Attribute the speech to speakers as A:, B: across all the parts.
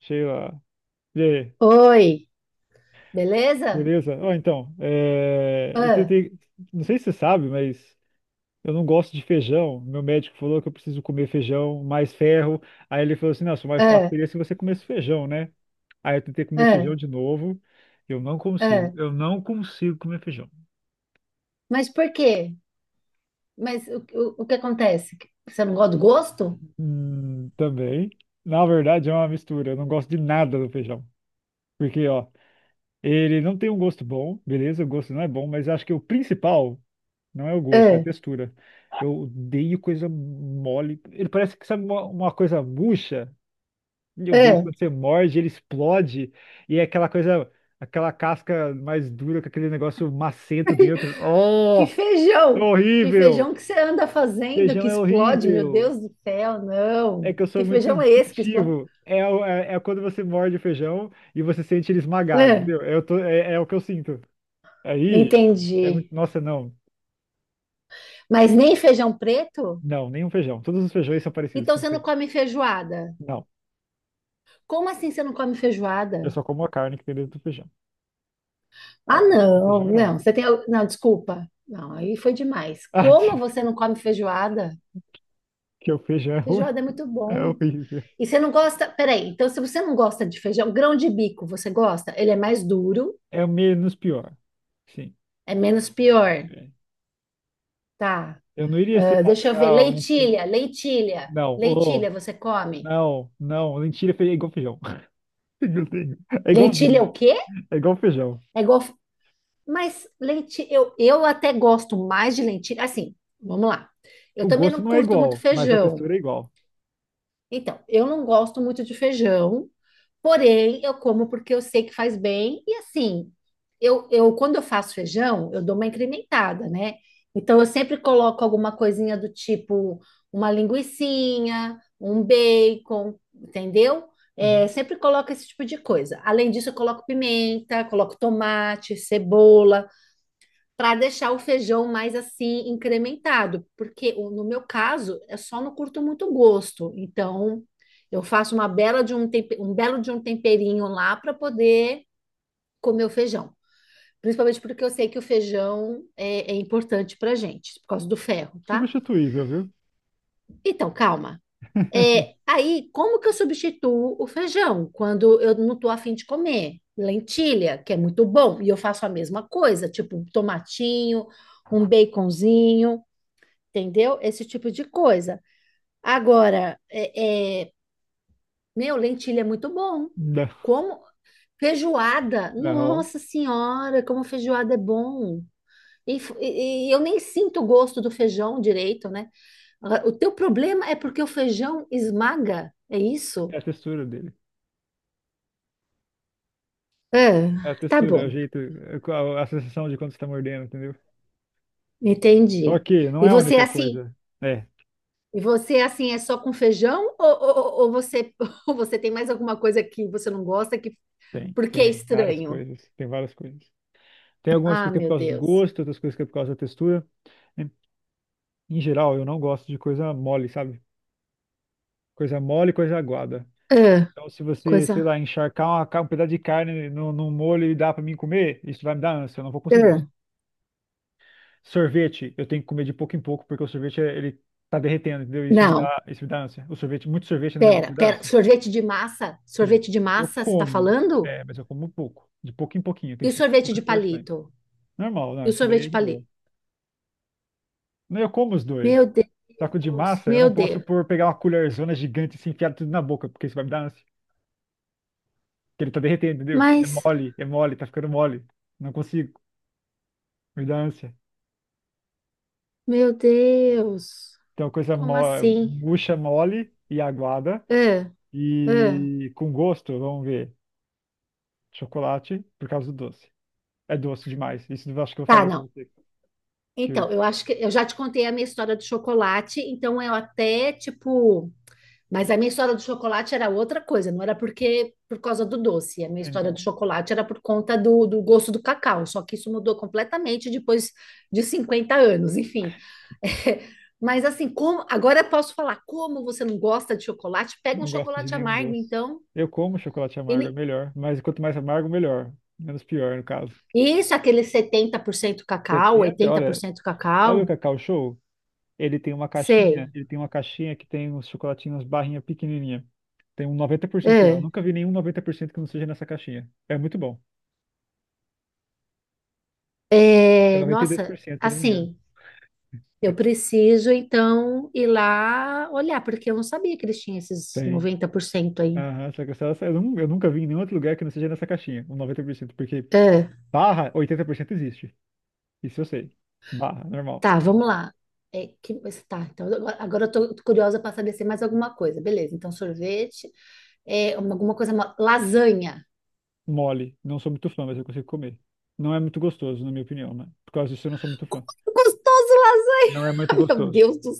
A: Sheila. E aí,
B: Oi, beleza?
A: beleza? Ó, então, eu
B: Ah,
A: tentei. Não sei se você sabe, mas eu não gosto de feijão. Meu médico falou que eu preciso comer feijão, mais ferro. Aí ele falou assim: não, só mais fácil
B: ah,
A: seria se você comesse feijão, né? Aí eu tentei comer
B: ah,
A: feijão de novo. Eu não consigo.
B: ah.
A: Eu não consigo comer feijão.
B: Mas por quê? Mas o que acontece? Você não gosta do gosto?
A: Também. Na verdade, é uma mistura. Eu não gosto de nada do feijão. Porque, ó, ele não tem um gosto bom, beleza? O gosto não é bom, mas acho que o principal. Não é o gosto, é a
B: Ah,
A: textura. Eu odeio coisa mole. Ele parece que sabe uma coisa murcha. Meu Deus,
B: ah.
A: quando você morde, ele explode. E é aquela coisa, aquela casca mais dura, com aquele negócio macento dentro.
B: Que
A: Oh, é
B: feijão! Que
A: horrível!
B: feijão que você anda fazendo
A: Feijão
B: que
A: é
B: explode, meu
A: horrível.
B: Deus do céu,
A: É
B: não!
A: que eu sou
B: Que
A: muito
B: feijão é esse que explode?
A: descritivo. É quando você morde o feijão e você sente ele esmagado,
B: Ah,
A: entendeu? Eu tô, é o que eu sinto. Aí, é
B: entendi.
A: muito. Nossa, não.
B: Mas nem feijão preto?
A: Não, nenhum feijão. Todos os feijões são parecidos
B: Então
A: com o
B: você não
A: seu.
B: come feijoada?
A: Não.
B: Como assim você não come
A: Eu
B: feijoada?
A: só como a carne que tem dentro do feijão. Ah,
B: Ah,
A: o
B: não,
A: feijão não.
B: não, você tem. Não, desculpa. Não, aí foi demais.
A: Ah,
B: Como
A: diz
B: você não come feijoada?
A: que o feijão é ruim.
B: Feijoada é muito
A: É
B: bom.
A: horrível.
B: E você não gosta. Peraí, então se você não gosta de feijão, grão de bico, você gosta? Ele é mais duro,
A: É o menos pior. Sim.
B: é menos pior,
A: É.
B: tá?
A: Eu não iria, sei
B: Ah,
A: lá,
B: deixa eu ver.
A: pegar um.
B: Lentilha, lentilha,
A: Não, oh,
B: lentilha, você come?
A: não, não. Mentira, é igual feijão. Meu Deus. É
B: Lentilha é
A: igualzinho.
B: o quê?
A: É igual feijão.
B: É igual. Mas lentilha, eu até gosto mais de lentilha. Assim, vamos lá. Eu
A: O
B: também
A: gosto
B: não
A: não é
B: curto muito
A: igual, mas a
B: feijão.
A: textura é igual.
B: Então, eu não gosto muito de feijão, porém eu como porque eu sei que faz bem. E assim, eu quando eu faço feijão, eu dou uma incrementada, né? Então eu sempre coloco alguma coisinha do tipo uma linguicinha, um bacon, entendeu? É,
A: Uhum.
B: sempre coloco esse tipo de coisa. Além disso, eu coloco pimenta, coloco tomate, cebola para deixar o feijão mais assim incrementado, porque no meu caso eu só não curto muito gosto, então eu faço uma bela de um, um belo de um temperinho lá para poder comer o feijão, principalmente porque eu sei que o feijão é importante para gente por causa do ferro, tá?
A: Substituível, viu?
B: Então calma. É, aí como que eu substituo o feijão quando eu não tô afim de comer? Lentilha, que é muito bom, e eu faço a mesma coisa, tipo um tomatinho, um baconzinho. Entendeu? Esse tipo de coisa. Agora, meu, lentilha é muito bom.
A: Não,
B: Como feijoada,
A: não.
B: nossa senhora, como feijoada é bom. E, e eu nem sinto o gosto do feijão direito, né? Agora, o teu problema é porque o feijão esmaga, é
A: É
B: isso?
A: a textura dele.
B: É,
A: É a
B: tá
A: textura, é o
B: bom,
A: jeito, é a sensação de quando você está mordendo, entendeu? Só
B: entendi.
A: que não
B: E
A: é a
B: você é
A: única
B: assim,
A: coisa. É.
B: e você é assim é só com feijão ou você ou você tem mais alguma coisa que você não gosta que
A: Tem,
B: porque é
A: tem várias
B: estranho?
A: coisas, tem várias coisas. Tem algumas
B: Ah,
A: coisas que é por
B: meu
A: causa do
B: Deus.
A: gosto, outras coisas que é por causa da textura. Em em geral, eu não gosto de coisa mole, sabe? Coisa mole, coisa aguada.
B: Ah,
A: Então, se você, sei
B: coisa.
A: lá, encharcar um pedaço de carne no, num molho e dar pra mim comer, isso vai me dar ânsia, eu não vou conseguir.
B: Ah,
A: Sorvete, eu tenho que comer de pouco em pouco, porque o sorvete, ele tá derretendo, entendeu?
B: não,
A: Isso me dá ânsia. O sorvete, muito sorvete na minha boca
B: pera,
A: me dá
B: pera.
A: ânsia.
B: Sorvete de massa?
A: Sim,
B: Sorvete de
A: eu
B: massa, você tá
A: como,
B: falando?
A: é, mas eu como pouco. De pouco em pouquinho,
B: E
A: tem que
B: o
A: ser
B: sorvete
A: poucas
B: de
A: porções.
B: palito?
A: Normal,
B: E
A: não,
B: o
A: isso daí
B: sorvete
A: é
B: de
A: de boa.
B: palito?
A: Não, eu como os dois.
B: Meu
A: Só que o de
B: Deus,
A: massa, eu
B: meu
A: não posso
B: Deus.
A: por pegar uma colherzona gigante e se enfiar tudo na boca, porque isso vai me dar ânsia. Porque ele tá derretendo, entendeu?
B: Mas,
A: É mole, tá ficando mole. Não consigo, me dá ânsia.
B: meu Deus,
A: Então, coisa mo
B: como assim?
A: murcha, mole e aguada.
B: Ah, ah.
A: E com gosto, vamos ver. Chocolate, por causa do doce. É doce demais. Isso eu acho que eu
B: Tá,
A: falei pra
B: não.
A: você. Que eu,
B: Então, eu acho que eu já te contei a minha história do chocolate, então eu até, tipo. Mas a minha história do chocolate era outra coisa, não era porque por causa do doce. A minha história do
A: então,
B: chocolate era por conta do, do gosto do cacau. Só que isso mudou completamente depois de 50 anos, enfim. Mas assim, como agora eu posso falar, como você não gosta de chocolate? Pega um
A: não gosto de
B: chocolate
A: nenhum
B: amargo,
A: doce.
B: então.
A: Eu como chocolate
B: E
A: amargo, é
B: ne-
A: melhor. Mas quanto mais amargo, melhor. Menos pior, no caso.
B: Isso, aquele 70% cacau,
A: 70, olha,
B: 80%
A: sabe o
B: cacau.
A: Cacau Show? Ele tem uma caixinha,
B: Sei.
A: que tem uns chocolatinhos barrinha pequenininha. Tem um 90% lá. Eu
B: É,
A: nunca vi nenhum 90% que não seja nessa caixinha. É muito bom. Acho que é
B: é, nossa,
A: 92%, se eu não me engano.
B: assim, eu preciso, então, ir lá olhar, porque eu não sabia que eles tinham esses
A: Tem.
B: 90% aí.
A: Aham, só que eu nunca vi em nenhum outro lugar que não seja nessa caixinha, um 90%, porque
B: Ah,
A: barra, 80% existe. Isso eu sei. Barra, normal.
B: tá, vamos lá. É, que, mas tá, então, agora eu tô curiosa para saber se é mais alguma coisa. Beleza, então sorvete, é, alguma coisa, lasanha.
A: Mole, não sou muito fã, mas eu consigo comer. Não é muito gostoso, na minha opinião, né? Por causa disso eu não sou muito fã.
B: Gostoso lasanha!
A: Não é muito
B: Ai, meu
A: gostoso.
B: Deus do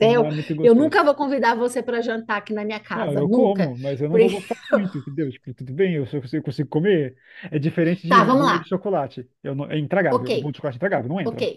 A: Não é muito
B: Eu
A: gostoso.
B: nunca vou convidar você para jantar aqui na minha
A: Não,
B: casa,
A: eu
B: nunca.
A: como, mas eu não vou
B: Porque-
A: gostar muito, entendeu? Tipo, tudo bem, eu, se eu consigo comer. É diferente de
B: Tá,
A: um
B: vamos
A: bolo de
B: lá.
A: chocolate. Eu não, é
B: Ok,
A: intragável. Um bolo de chocolate é intragável, não
B: ok.
A: entra.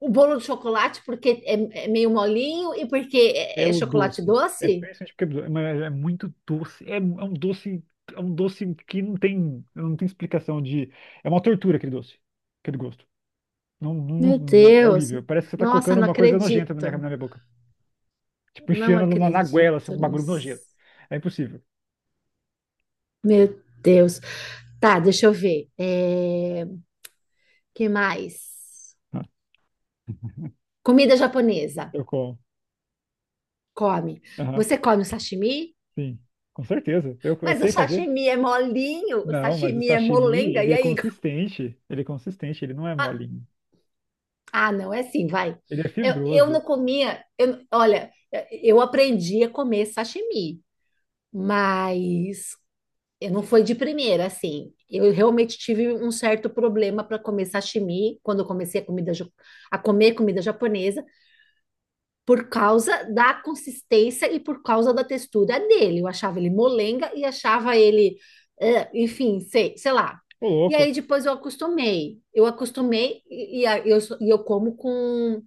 B: O bolo de chocolate porque é, é meio molinho e porque
A: É
B: é, é
A: o
B: chocolate
A: doce. É
B: doce?
A: principalmente porque é doce, mas é muito doce. Um doce, é um doce que não tem, não tem explicação de. É uma tortura aquele doce, aquele gosto.
B: Meu
A: É
B: Deus.
A: horrível. Parece que você tá
B: Nossa,
A: colocando
B: não
A: uma coisa nojenta na minha, na
B: acredito.
A: minha boca. Tipo,
B: Não
A: enfiando na goela, assim,
B: acredito
A: um bagulho
B: nisso.
A: nojento. É impossível.
B: Meu Deus. Tá, deixa eu ver. É... Que mais? Comida japonesa.
A: Eu como.
B: Come.
A: Aham,
B: Você come o sashimi?
A: sim. Com certeza. Eu
B: Mas o
A: sei fazer.
B: sashimi é molinho, o
A: Não, mas o
B: sashimi é
A: sashimi,
B: molenga.
A: ele
B: E
A: é
B: aí?
A: consistente. Ele é consistente, ele não é molinho.
B: Ah, não, é assim, vai.
A: Ele é
B: Eu não
A: fibroso.
B: comia. Olha, eu aprendi a comer sashimi. Mas eu não foi de primeira, assim. Eu realmente tive um certo problema para comer sashimi quando eu comecei a, comida, a comer comida japonesa, por causa da consistência e por causa da textura dele. Eu achava ele molenga e achava ele, enfim, sei, sei lá.
A: Ô,
B: E
A: louco.
B: aí depois eu acostumei. Eu acostumei e, e eu como com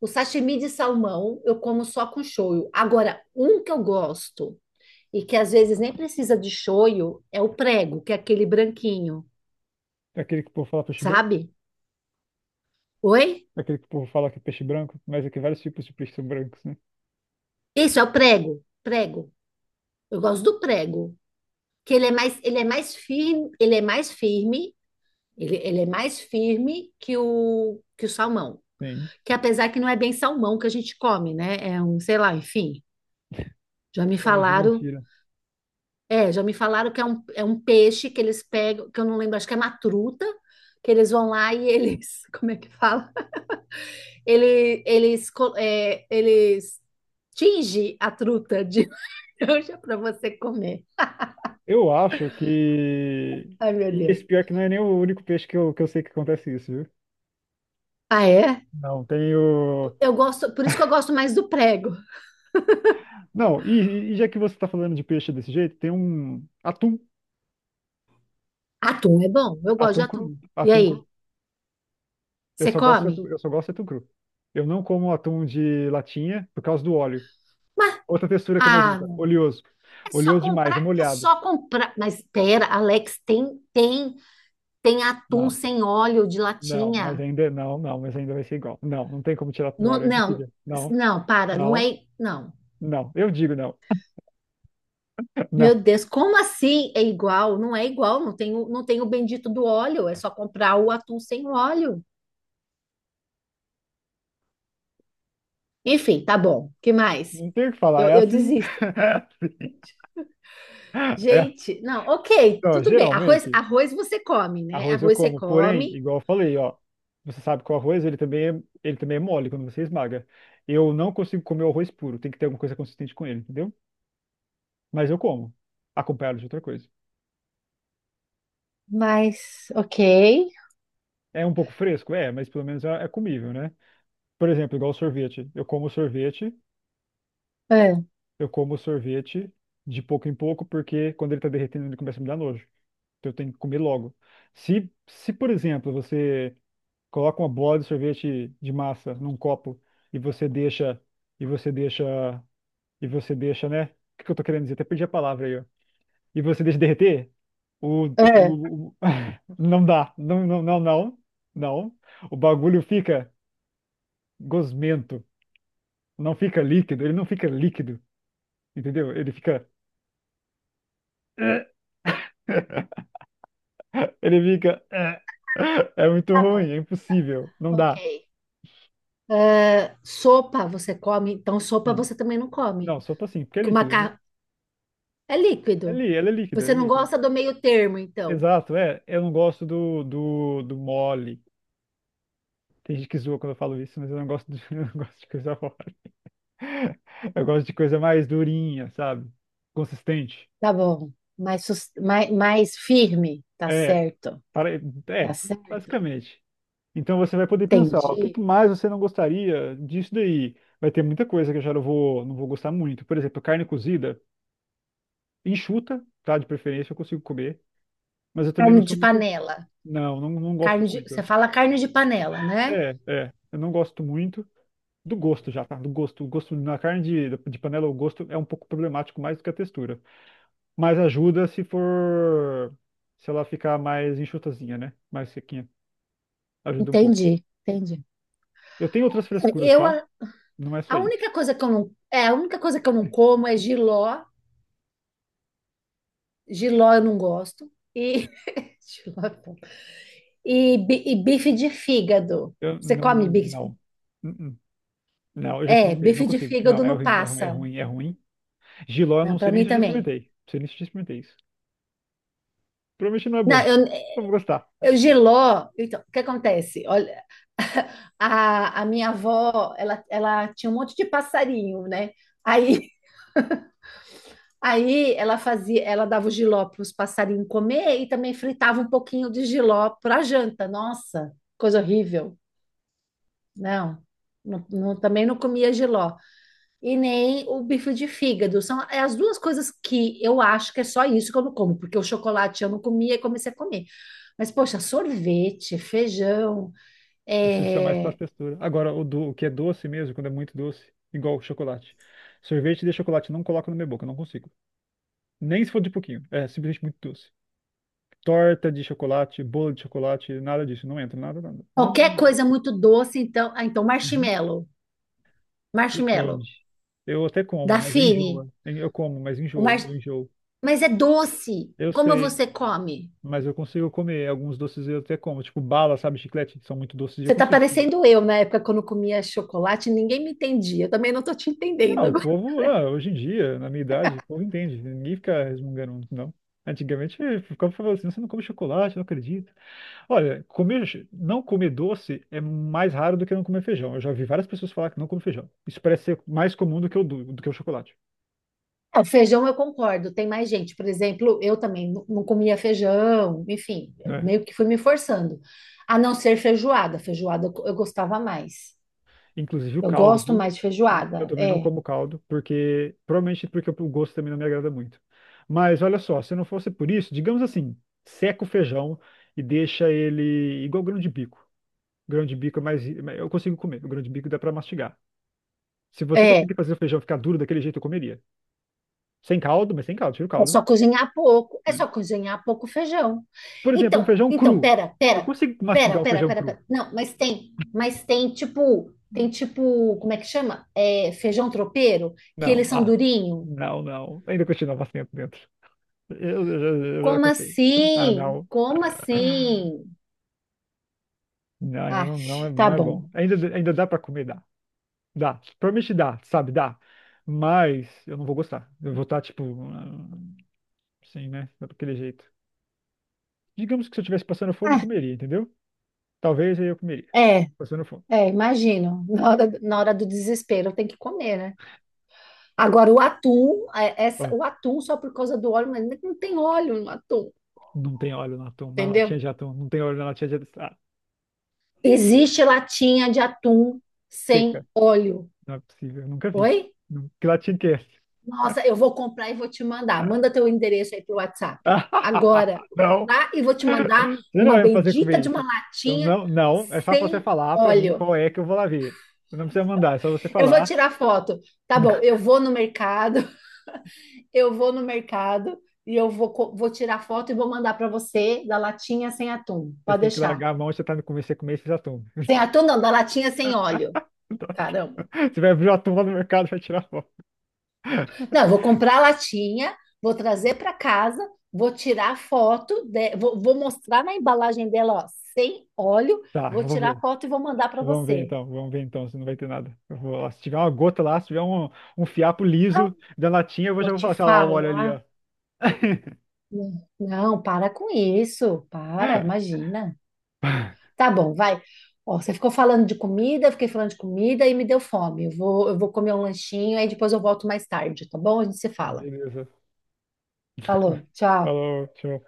B: o sashimi de salmão, eu como só com shoyu. Agora, um que eu gosto e que às vezes nem precisa de shoyu, é o prego, que é aquele branquinho,
A: É aquele que o povo fala peixe branco?
B: sabe? Oi?
A: É aquele que o povo fala que é peixe branco? Mas é que vários tipos de peixes são brancos, né?
B: Isso é o prego, prego. Eu gosto do prego, que ele é mais firme, ele é mais firme, ele é mais firme que o salmão,
A: Sim.
B: que apesar que não é bem salmão que a gente come, né? É um, sei lá, enfim. Já me
A: Então é de
B: falaram,
A: mentira.
B: é, já me falaram que é um peixe que eles pegam, que eu não lembro, acho que é uma truta, que eles vão lá e eles, como é que fala? Ele, eles, eles tinge a truta de laranja para você comer.
A: Eu acho que.
B: Ai, meu
A: E
B: Deus.
A: esse pior que não é nem o único peixe que eu sei que acontece isso, viu?
B: Ah, é?
A: Não, tem o.
B: Eu gosto, por isso que eu gosto mais do prego.
A: Não, já que você tá falando de peixe desse jeito, tem um. Atum.
B: Atum é bom, eu gosto de
A: Atum cru.
B: atum. E
A: Atum
B: aí,
A: cru. Eu
B: você
A: só gosto de atum,
B: come?
A: eu só gosto de atum cru. Eu não como atum de latinha por causa do óleo.
B: Mas,
A: Outra textura que é
B: ah,
A: nojenta. Oleoso. Oleoso demais, é
B: é
A: molhado.
B: só comprar. Mas pera, Alex, tem atum
A: Não,
B: sem óleo de
A: não, mas
B: latinha.
A: ainda não, não, mas ainda vai ser igual. Não, não tem como tirar do
B: Não,
A: óleo, é
B: não,
A: impossível. Não,
B: não, para, não
A: não,
B: é, não.
A: não. Eu digo não.
B: Meu
A: Não,
B: Deus, como assim é igual? Não é igual, não tem, não tem o bendito do óleo, é só comprar o atum sem óleo. Enfim, tá bom. Que mais?
A: não tem o que falar,
B: Eu,
A: é
B: eu
A: assim.
B: desisto.
A: É.
B: Gente, não, ok,
A: Então,
B: tudo bem. Arroz,
A: geralmente,
B: arroz você come, né?
A: arroz eu
B: Arroz você
A: como, porém,
B: come,
A: igual eu falei, ó, você sabe que o arroz, ele também é mole quando você esmaga. Eu não consigo comer o arroz puro, tem que ter alguma coisa consistente com ele, entendeu? Mas eu como, acompanhado de outra coisa.
B: mas ok.
A: É um pouco fresco? É, mas pelo menos é comível, né? Por exemplo, igual sorvete.
B: Ah,
A: Eu como sorvete de pouco em pouco, porque quando ele tá derretendo, ele começa a me dar nojo. Então eu tenho que comer logo. Se, por exemplo, você coloca uma bola de sorvete de massa num copo e você deixa, e você deixa, e você deixa, né? O que que eu tô querendo dizer? Até perdi a palavra aí, ó. E você deixa derreter, o,
B: ah,
A: o, o- não dá. Não, não, não, não. Não. O bagulho fica gosmento. Não fica líquido, ele não fica líquido. Entendeu? Ele fica. Ele fica. É muito
B: tá
A: ruim,
B: bom,
A: é impossível. Não
B: ok.
A: dá.
B: Ah, sopa você come, então sopa
A: Sim.
B: você também não come,
A: Não, só tô assim, porque é
B: que o
A: líquido, né?
B: macarrão é
A: É
B: líquido.
A: lí, ela é líquida, é
B: Você não
A: líquida.
B: gosta do meio termo, então.
A: Exato, é. Eu não gosto do mole. Tem gente que zoa quando eu falo isso, mas eu não gosto de, eu não gosto de coisa mole. Eu gosto de coisa mais durinha, sabe? Consistente.
B: Tá bom. Mais, mais, mais firme. Tá
A: É,
B: certo.
A: para,
B: Tá
A: é,
B: certo.
A: basicamente. Então você vai poder pensar, ó, o que que
B: Entendi.
A: mais você não gostaria disso daí? Vai ter muita coisa que eu já não vou, não vou gostar muito. Por exemplo, carne cozida, enxuta, tá? De preferência, eu consigo comer. Mas eu também não
B: Carne de
A: sou muito. Fã.
B: panela.
A: Não gosto
B: Carne de, você
A: muito.
B: fala carne de panela, né?
A: Eu não gosto muito do gosto já, tá? Do gosto. O gosto na carne de panela, o gosto é um pouco problemático mais do que a textura. Mas ajuda se for. Se ela ficar mais enxutazinha, né? Mais sequinha. Ajuda um pouco.
B: Entendi. Entendi.
A: Eu tenho outras frescuras,
B: Eu,
A: tá?
B: a,
A: Não é só
B: a
A: isso.
B: única coisa que eu não, é, a única coisa que eu não como é jiló. Jiló eu não gosto. E, jiló é bom. E bife de fígado.
A: Eu
B: Você
A: não, não,
B: come bife?
A: não. Hum, hum. Não, eu já
B: É,
A: experimentei, não
B: bife de
A: consigo. Não,
B: fígado não passa.
A: é ruim. Giló, eu
B: Não,
A: não
B: para
A: sei nem
B: mim
A: se eu já
B: também.
A: experimentei. Não sei nem se eu já experimentei isso. Provavelmente não é
B: Não,
A: bom.
B: eu,
A: Não vou gostar.
B: eu jiló. Então, o que acontece? Olha, a minha avó, ela tinha um monte de passarinho, né? Aí, aí ela fazia, ela dava o jiló para os passarinhos comer e também fritava um pouquinho de jiló para janta. Nossa, coisa horrível. Não, também não comia jiló. E nem o bife de fígado. São é as duas coisas que eu acho que é só isso que eu não como, porque o chocolate eu não comia e comecei a comer. Mas, poxa, sorvete, feijão,
A: Precisa ser mais para
B: é,
A: textura. Agora, o que é doce mesmo, quando é muito doce, igual chocolate. Sorvete de chocolate, não coloco na minha boca, não consigo. Nem se for de pouquinho. É simplesmente muito doce. Torta de chocolate, bolo de chocolate, nada disso. Não entra, nada, nada. Nada.
B: qualquer
A: Não,
B: coisa muito doce, então. Ah, então,
A: Uhum.
B: marshmallow.
A: Depende.
B: Marshmallow.
A: Eu até como, mas eu
B: Dafine.
A: enjoo. Eu como, mas
B: O mar...
A: enjoo. Eu enjoo.
B: Mas é doce.
A: Eu
B: Como
A: sei.
B: você come?
A: Mas eu consigo comer alguns doces, eu até como, tipo bala, sabe, chiclete, que são muito doces, eu
B: Você tá
A: consigo comer.
B: parecendo eu na época quando eu comia chocolate, ninguém me entendia. Eu também não tô te entendendo agora.
A: Hoje em dia, na minha idade, o povo entende, ninguém fica resmungando, não. Antigamente, ficava falando assim, você não come chocolate, não acredito. Olha, comer, não comer doce é mais raro do que não comer feijão. Eu já vi várias pessoas falar que não come feijão. Isso parece ser mais comum do que o, do, do que o chocolate,
B: Ah, o feijão eu concordo, tem mais gente. Por exemplo, eu também não comia feijão, enfim, eu
A: né?
B: meio que fui me forçando. A não ser feijoada. Feijoada eu gostava mais.
A: Inclusive o
B: Eu
A: caldo,
B: gosto
A: viu?
B: mais de
A: Eu
B: feijoada.
A: também não
B: É.
A: como caldo, porque provavelmente porque o gosto também não me agrada muito. Mas olha só, se não fosse por isso, digamos assim, seca o feijão e deixa ele igual grão de bico. Grão de bico é mais, eu consigo comer. O grão de bico dá pra mastigar. Se você
B: É.
A: conseguir fazer o feijão ficar duro daquele jeito, eu comeria. Sem caldo, mas sem caldo, tira o
B: É
A: caldo.
B: só cozinhar pouco, é
A: Hum.
B: só cozinhar pouco feijão.
A: Por exemplo, um feijão cru.
B: Pera,
A: Eu
B: pera,
A: consigo
B: pera,
A: mastigar o
B: pera,
A: feijão
B: pera,
A: cru?
B: pera. Não, mas tem tipo, como é que chama? É, feijão tropeiro, que
A: Não,
B: eles são
A: ah,
B: durinho.
A: não. Ainda continua bastante dentro. Eu já
B: Como
A: cansei. Ah,
B: assim?
A: não.
B: Como assim?
A: Não, ainda
B: Ah,
A: não, não é,
B: tá
A: não é
B: bom.
A: bom. Ainda, ainda dá pra comer, dá. Dá. Provavelmente dá, sabe? Dá. Mas eu não vou gostar. Eu vou estar, tipo, assim, né? Daquele jeito. Digamos que se eu estivesse passando fome, eu
B: Ah,
A: comeria, entendeu? Talvez aí eu comeria.
B: é,
A: Passando fome.
B: imagino. Na hora do desespero tem que comer, né? Agora o atum, é, essa,
A: Ó,
B: o atum só por causa do óleo, mas não tem óleo no atum,
A: não tem óleo na, tom, na latinha
B: entendeu?
A: de atum. Não tem óleo na latinha de atum. Ah,
B: Existe latinha de atum sem
A: seca.
B: óleo.
A: Não é possível. Eu nunca vi.
B: Oi?
A: Não- Que latinha que é essa?
B: Nossa, eu vou comprar e vou te mandar. Manda teu endereço aí pro WhatsApp. Agora, vou
A: Não.
B: comprar e vou te mandar
A: Você não
B: uma
A: vai me fazer
B: bendita
A: comer
B: de uma
A: isso. Então,
B: latinha
A: não, não, é só você
B: sem
A: falar pra mim
B: óleo.
A: qual é que eu vou lá ver. Não precisa mandar, é só você
B: Eu vou
A: falar.
B: tirar foto. Tá bom, eu vou no mercado, eu vou no mercado e eu vou, vou tirar foto e vou mandar para você da latinha sem atum.
A: Vocês
B: Pode
A: têm que
B: deixar.
A: largar a mão se você tá no começo, você comer esses atum.
B: Sem atum não, da latinha sem óleo.
A: Você vai abrir o atum lá no mercado pra tirar foto.
B: Não, eu vou comprar a latinha, vou trazer para casa, vou tirar foto, vou mostrar na embalagem dela, ó, sem óleo,
A: Tá,
B: vou
A: eu vou
B: tirar
A: ver.
B: foto e vou mandar para você.
A: Vamos ver então, se não vai ter nada. Eu vou lá. Se tiver uma gota lá, se tiver um, um fiapo
B: Ah,
A: liso da latinha, eu vou já
B: vou
A: vou
B: te
A: falar assim, olha lá, olha ali, ó.
B: falar. Não, não, para com isso, para, imagina. Tá bom, vai. Ó, você ficou falando de comida, eu fiquei falando de comida e me deu fome. Eu vou comer um lanchinho, aí depois eu volto mais tarde, tá bom? A gente se fala.
A: Beleza.
B: Falou, tchau.
A: Falou, tchau.